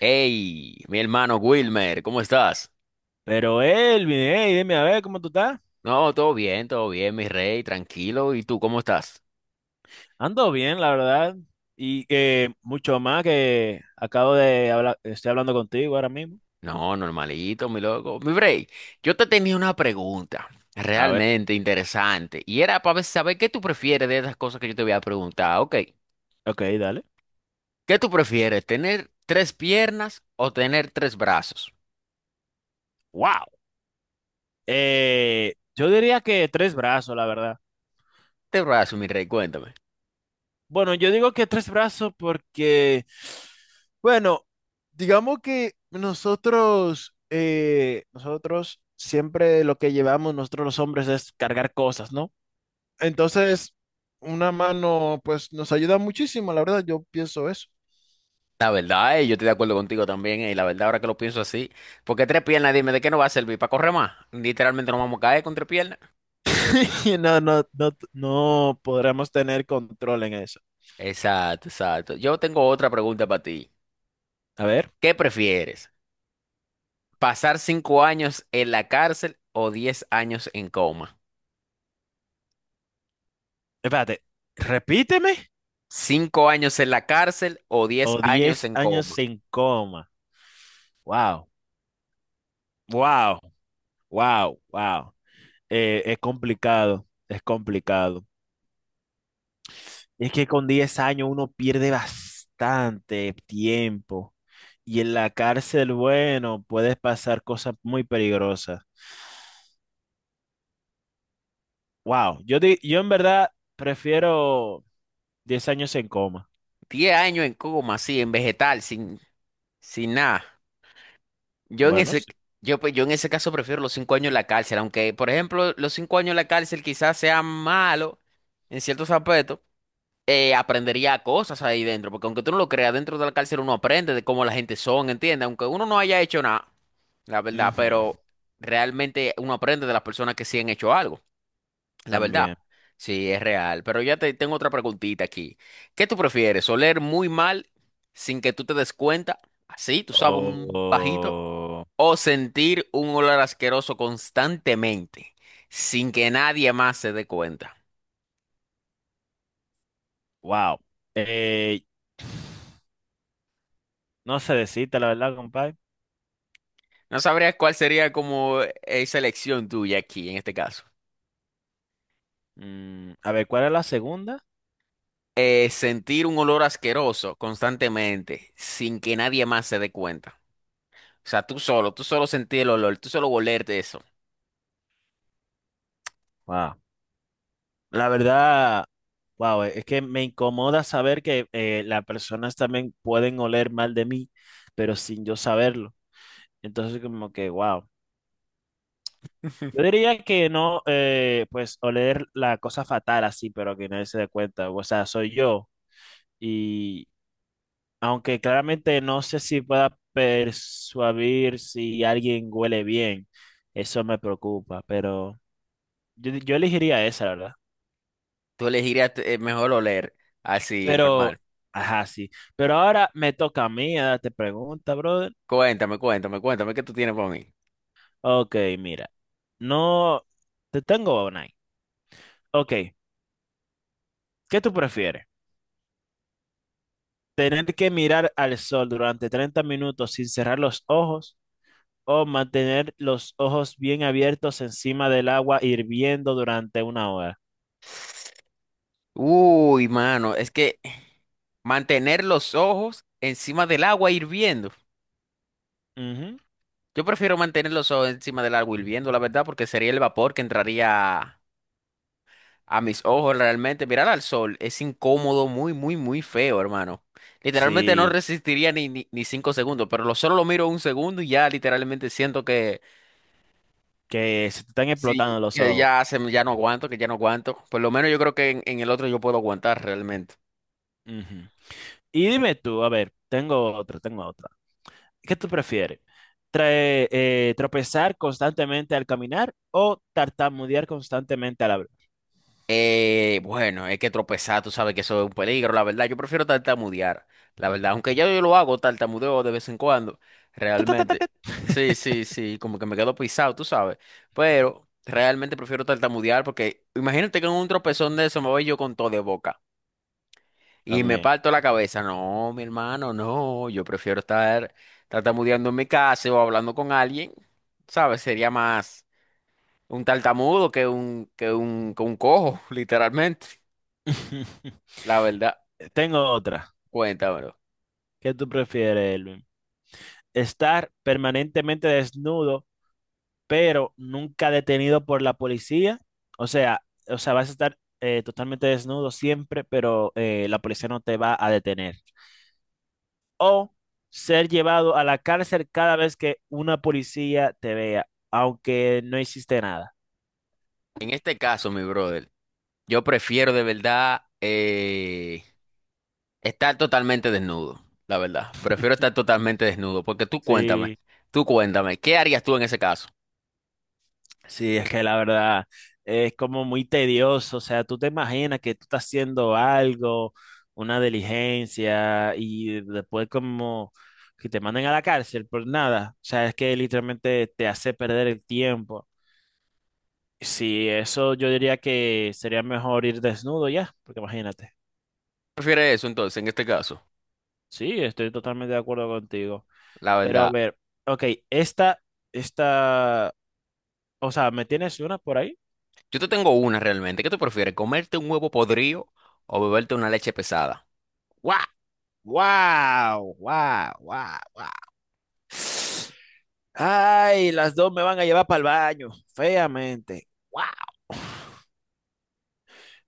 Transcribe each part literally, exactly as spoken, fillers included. Hey, mi hermano Wilmer, ¿cómo estás? Pero Elvin, hey, dime a ver cómo tú estás. No, todo bien, todo bien, mi rey, tranquilo. ¿Y tú cómo estás? Ando bien, la verdad. Y eh, mucho más que acabo de hablar, estoy hablando contigo ahora mismo. No, normalito, mi loco. Mi rey, yo te tenía una pregunta A ver, realmente interesante y era para saber qué tú prefieres de esas cosas que yo te voy a preguntar. Ok, ok, dale. ¿qué tú prefieres, tener tres piernas o tener tres brazos? ¡Wow! Eh, yo diría que tres brazos, la verdad. Tres brazos, mi rey, cuéntame. Bueno, yo digo que tres brazos porque, bueno, digamos que nosotros, eh, nosotros siempre lo que llevamos nosotros los hombres es cargar cosas, ¿no? Entonces, una mano, pues nos ayuda muchísimo, la verdad, yo pienso eso. La verdad, eh, yo estoy de acuerdo contigo también, eh, la verdad, ahora que lo pienso así, porque tres piernas, dime, ¿de qué nos va a servir? ¿Para correr más? Literalmente nos vamos a caer con tres piernas. Y no, no, no, no podremos tener control en eso. Exacto, exacto. Yo tengo otra pregunta para ti. A ver, ¿Qué prefieres? ¿Pasar cinco años en la cárcel o diez años en coma? espérate, repíteme. ¿Cinco años en la cárcel o diez O años diez en años coma? sin coma. Wow, wow, wow, wow. Eh, es complicado, es complicado. Es que con diez años uno pierde bastante tiempo. Y en la cárcel, bueno, puedes pasar cosas muy peligrosas. Wow, yo, di- yo en verdad prefiero diez años en coma. Diez años en coma, sí, en vegetal, sin, sin nada. Yo en Bueno, ese, sí. yo, pues, yo en ese caso prefiero los cinco años en la cárcel, aunque, por ejemplo, los cinco años en la cárcel quizás sean malos en ciertos aspectos. Eh, aprendería cosas ahí dentro, porque aunque tú no lo creas, dentro de la cárcel uno aprende de cómo la gente son, ¿entiendes? Aunque uno no haya hecho nada, la verdad, Ujú. pero realmente uno aprende de las personas que sí han hecho algo, la verdad. También. Sí, es real. Pero ya te tengo otra preguntita aquí. ¿Qué tú prefieres? ¿Oler muy mal sin que tú te des cuenta? Así, tú sabes, un bajito. Oh, ¿O sentir un olor asqueroso constantemente sin que nadie más se dé cuenta? wow. Eh, no sé decirte la verdad, compadre. No sabrías cuál sería como esa elección tuya aquí en este caso. Mm, a ver, ¿cuál es la segunda? Eh, sentir un olor asqueroso constantemente sin que nadie más se dé cuenta. O sea, tú solo, tú solo sentir el olor, tú solo olerte eso. Wow. La verdad, wow, es que me incomoda saber que eh, las personas también pueden oler mal de mí, pero sin yo saberlo. Entonces, como que, wow. Yo diría que no, eh, pues oler la cosa fatal así, pero que nadie se dé cuenta. O sea, soy yo. Y aunque claramente no sé si pueda persuadir si alguien huele bien, eso me preocupa, pero yo, yo elegiría esa, la verdad. Tú elegirías eh, mejor oler así, Pero, normal. ajá, sí. Pero ahora me toca a mí a darte pregunta, brother. Cuéntame, cuéntame, cuéntame, ¿qué tú tienes para mí? Ok, mira. No, te tengo una ahí. Ok, ¿qué tú prefieres? Tener que mirar al sol durante treinta minutos sin cerrar los ojos o mantener los ojos bien abiertos encima del agua hirviendo durante una hora. Uy, mano, es que mantener los ojos encima del agua hirviendo. Ujú. Yo prefiero mantener los ojos encima del agua hirviendo, la verdad, porque sería el vapor que entraría a mis ojos. Realmente, mirar al sol es incómodo, muy, muy, muy feo, hermano. Literalmente no Sí, resistiría ni, ni, ni cinco segundos, pero lo solo lo miro un segundo y ya literalmente siento que que se te están sí, explotando los que ojos. ya se me- ya no aguanto, que ya no aguanto. Por lo menos yo creo que en, en el otro yo puedo aguantar realmente. Ujú. Y dime tú, a ver, tengo otra, tengo otra. ¿Qué tú prefieres? Trae- eh, ¿Tropezar constantemente al caminar o tartamudear constantemente al hablar? Eh, bueno, es que tropezar, tú sabes que eso es un peligro, la verdad. Yo prefiero tartamudear, la verdad. Aunque ya yo lo hago, tartamudeo de vez en cuando, Ta, ta, ta, ta, realmente. ta. Sí, sí, sí, como que me quedo pisado, tú sabes. Pero realmente prefiero tartamudear porque imagínate que en un tropezón de eso me voy yo con todo de boca y me También. parto la cabeza. No, mi hermano, no. Yo prefiero estar tartamudeando en mi casa o hablando con alguien, ¿sabes? Sería más un tartamudo que un, que un, que un cojo, literalmente. La verdad, Tengo otra. cuéntamelo. ¿Qué tú prefieres, estar permanentemente desnudo, pero nunca detenido por la policía? O sea, o sea, vas a estar eh, totalmente desnudo siempre, pero eh, la policía no te va a detener. O ser llevado a la cárcel cada vez que una policía te vea, aunque no hiciste nada. En este caso, mi brother, yo prefiero de verdad eh, estar totalmente desnudo, la verdad. Prefiero estar totalmente desnudo, porque tú cuéntame, Sí. tú cuéntame, ¿qué harías tú en ese caso? Sí, es que la verdad es como muy tedioso, o sea, tú te imaginas que tú estás haciendo algo, una diligencia y después como que te manden a la cárcel por nada, o sea, es que literalmente te hace perder el tiempo. Sí, eso yo diría que sería mejor ir desnudo ya, porque imagínate. ¿Prefieres eso entonces, en este caso? Sí, estoy totalmente de acuerdo contigo. La Pero a verdad, ver, ok, esta, esta, o sea, ¿me tienes una por ahí? yo te tengo una realmente. ¿Qué tú prefieres, comerte un huevo podrido o beberte una leche pesada? ¡Guau! ¡Wow! ¡Wow! ¡Wow! ¡Wow! Ay, las dos me van a llevar para el baño, feamente. Wow.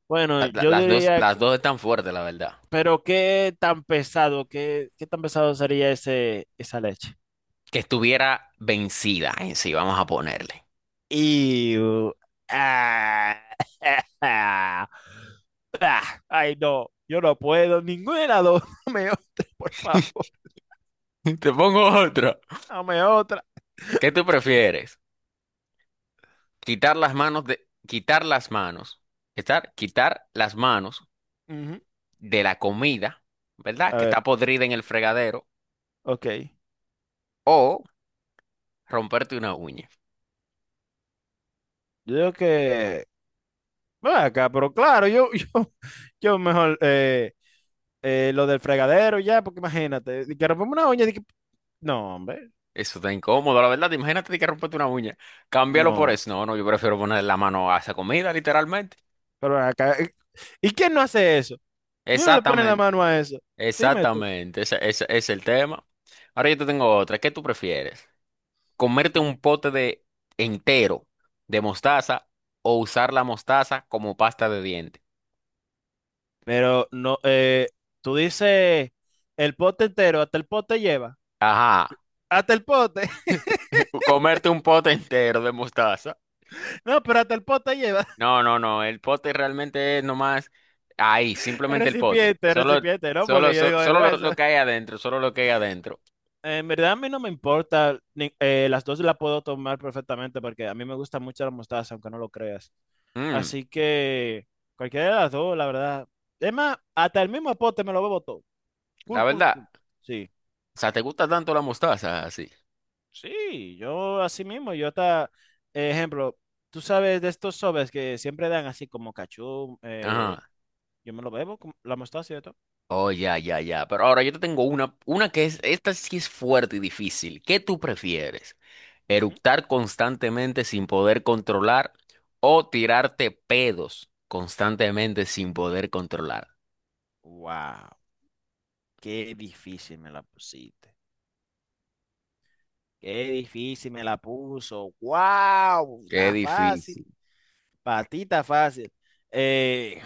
Bueno, La- la- yo Las dos, diría las que, dos están fuertes, la verdad. pero qué tan pesado, qué, qué tan pesado sería ese, esa leche. Que estuviera vencida en sí, vamos a ponerle. Y Ay, no, yo no puedo, ninguna de las dos. Dame otra, por favor, Te pongo otra. dame otra. ¿Qué tú prefieres? Quitar las manos de, quitar las manos, estar, quitar las manos Ujú. de la comida, ¿verdad? A Que ver, está podrida en el fregadero, ok. o romperte una uña. Yo digo que, bueno, acá, pero claro, yo, yo, yo mejor, eh, eh, lo del fregadero y ya, porque imagínate, de que rompemos una uña, de que- no, hombre, Eso está incómodo, la verdad. Imagínate de que romperte una uña. Cámbialo por no, eso. No, no, yo prefiero poner la mano a esa comida, literalmente. pero acá, eh, ¿y quién no hace eso? ¿Y uno le pone la Exactamente, mano a eso? Dime tú. exactamente. Ese, ese es el tema. Ahora yo te tengo otra. ¿Qué tú prefieres? ¿Comerte un pote de entero de mostaza o usar la mostaza como pasta de diente? Pero no, eh, tú dices el pote entero, hasta el pote lleva. Ajá. Hasta el pote. Comerte un pote entero de mostaza. No, pero hasta el pote lleva. No, no, no. El pote realmente es nomás ahí, El simplemente el pote. recipiente, el Solo, recipiente, ¿no? solo, Porque yo so- digo, "Ay, solo, lo, güey, eso- lo que hay adentro, solo lo que hay adentro. En verdad a mí no me importa. ni- eh, las dos las puedo tomar perfectamente porque a mí me gusta mucho la mostaza, aunque no lo creas. Mm, Así que cualquiera de las dos, la verdad. Es más, hasta el mismo pote me lo bebo todo. la Cool, cool, verdad. cool. Sí, O sea, ¿te gusta tanto la mostaza así? sí, yo así mismo, yo hasta, eh, ejemplo, tú sabes de estos sobres que siempre dan así como cachú, eh, Ajá. yo me lo bebo, con la mostaza y todo. Oh, ya, ya, ya. Pero ahora yo te tengo una, una que es, esta sí es fuerte y difícil. ¿Qué tú prefieres? Ujú. ¿Eructar constantemente sin poder controlar o tirarte pedos constantemente sin poder controlar? Wow, qué difícil me la pusiste. Qué difícil me la puso. Wow, Qué está fácil. difícil. Para ti está fácil. Eh,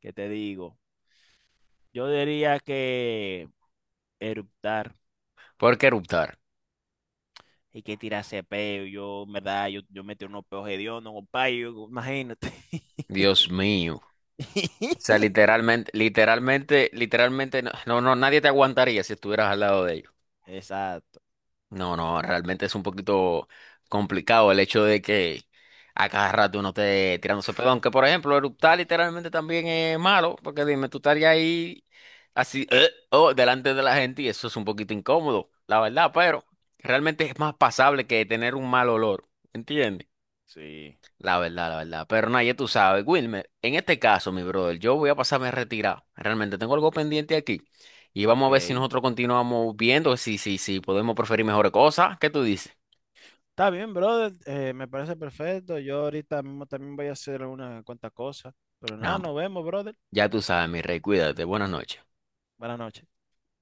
¿qué te digo? Yo diría que eruptar. ¿Por qué eruptar? Y que tirarse peo. Yo, en verdad, yo, yo metí unos peos hediondos, compadre. yo- Imagínate. Dios mío. O sea, literalmente, literalmente, literalmente, no, no, no, nadie te aguantaría si estuvieras al lado de ellos. Exacto. No, no, realmente es un poquito complicado el hecho de que a cada rato uno esté tirándose pedo. Aunque, por ejemplo, eruptar literalmente también es malo, porque dime, tú estarías ahí así, eh, oh, delante de la gente y eso es un poquito incómodo, la verdad, pero realmente es más pasable que tener un mal olor, ¿entiendes? Sí. La verdad, la verdad. Pero nadie tú sabes, Wilmer, en este caso, mi brother, yo voy a pasarme retirado. Realmente tengo algo pendiente aquí. Y vamos a Ok. ver si Está nosotros continuamos viendo, si, si, si podemos preferir mejores cosas. ¿Qué tú dices? bien, brother. eh, me parece perfecto. Yo ahorita mismo también voy a hacer unas cuantas cosas. Pero nada, Nada, nos vemos, brother. ya tú sabes, mi rey, cuídate. Buenas noches. Buenas noches.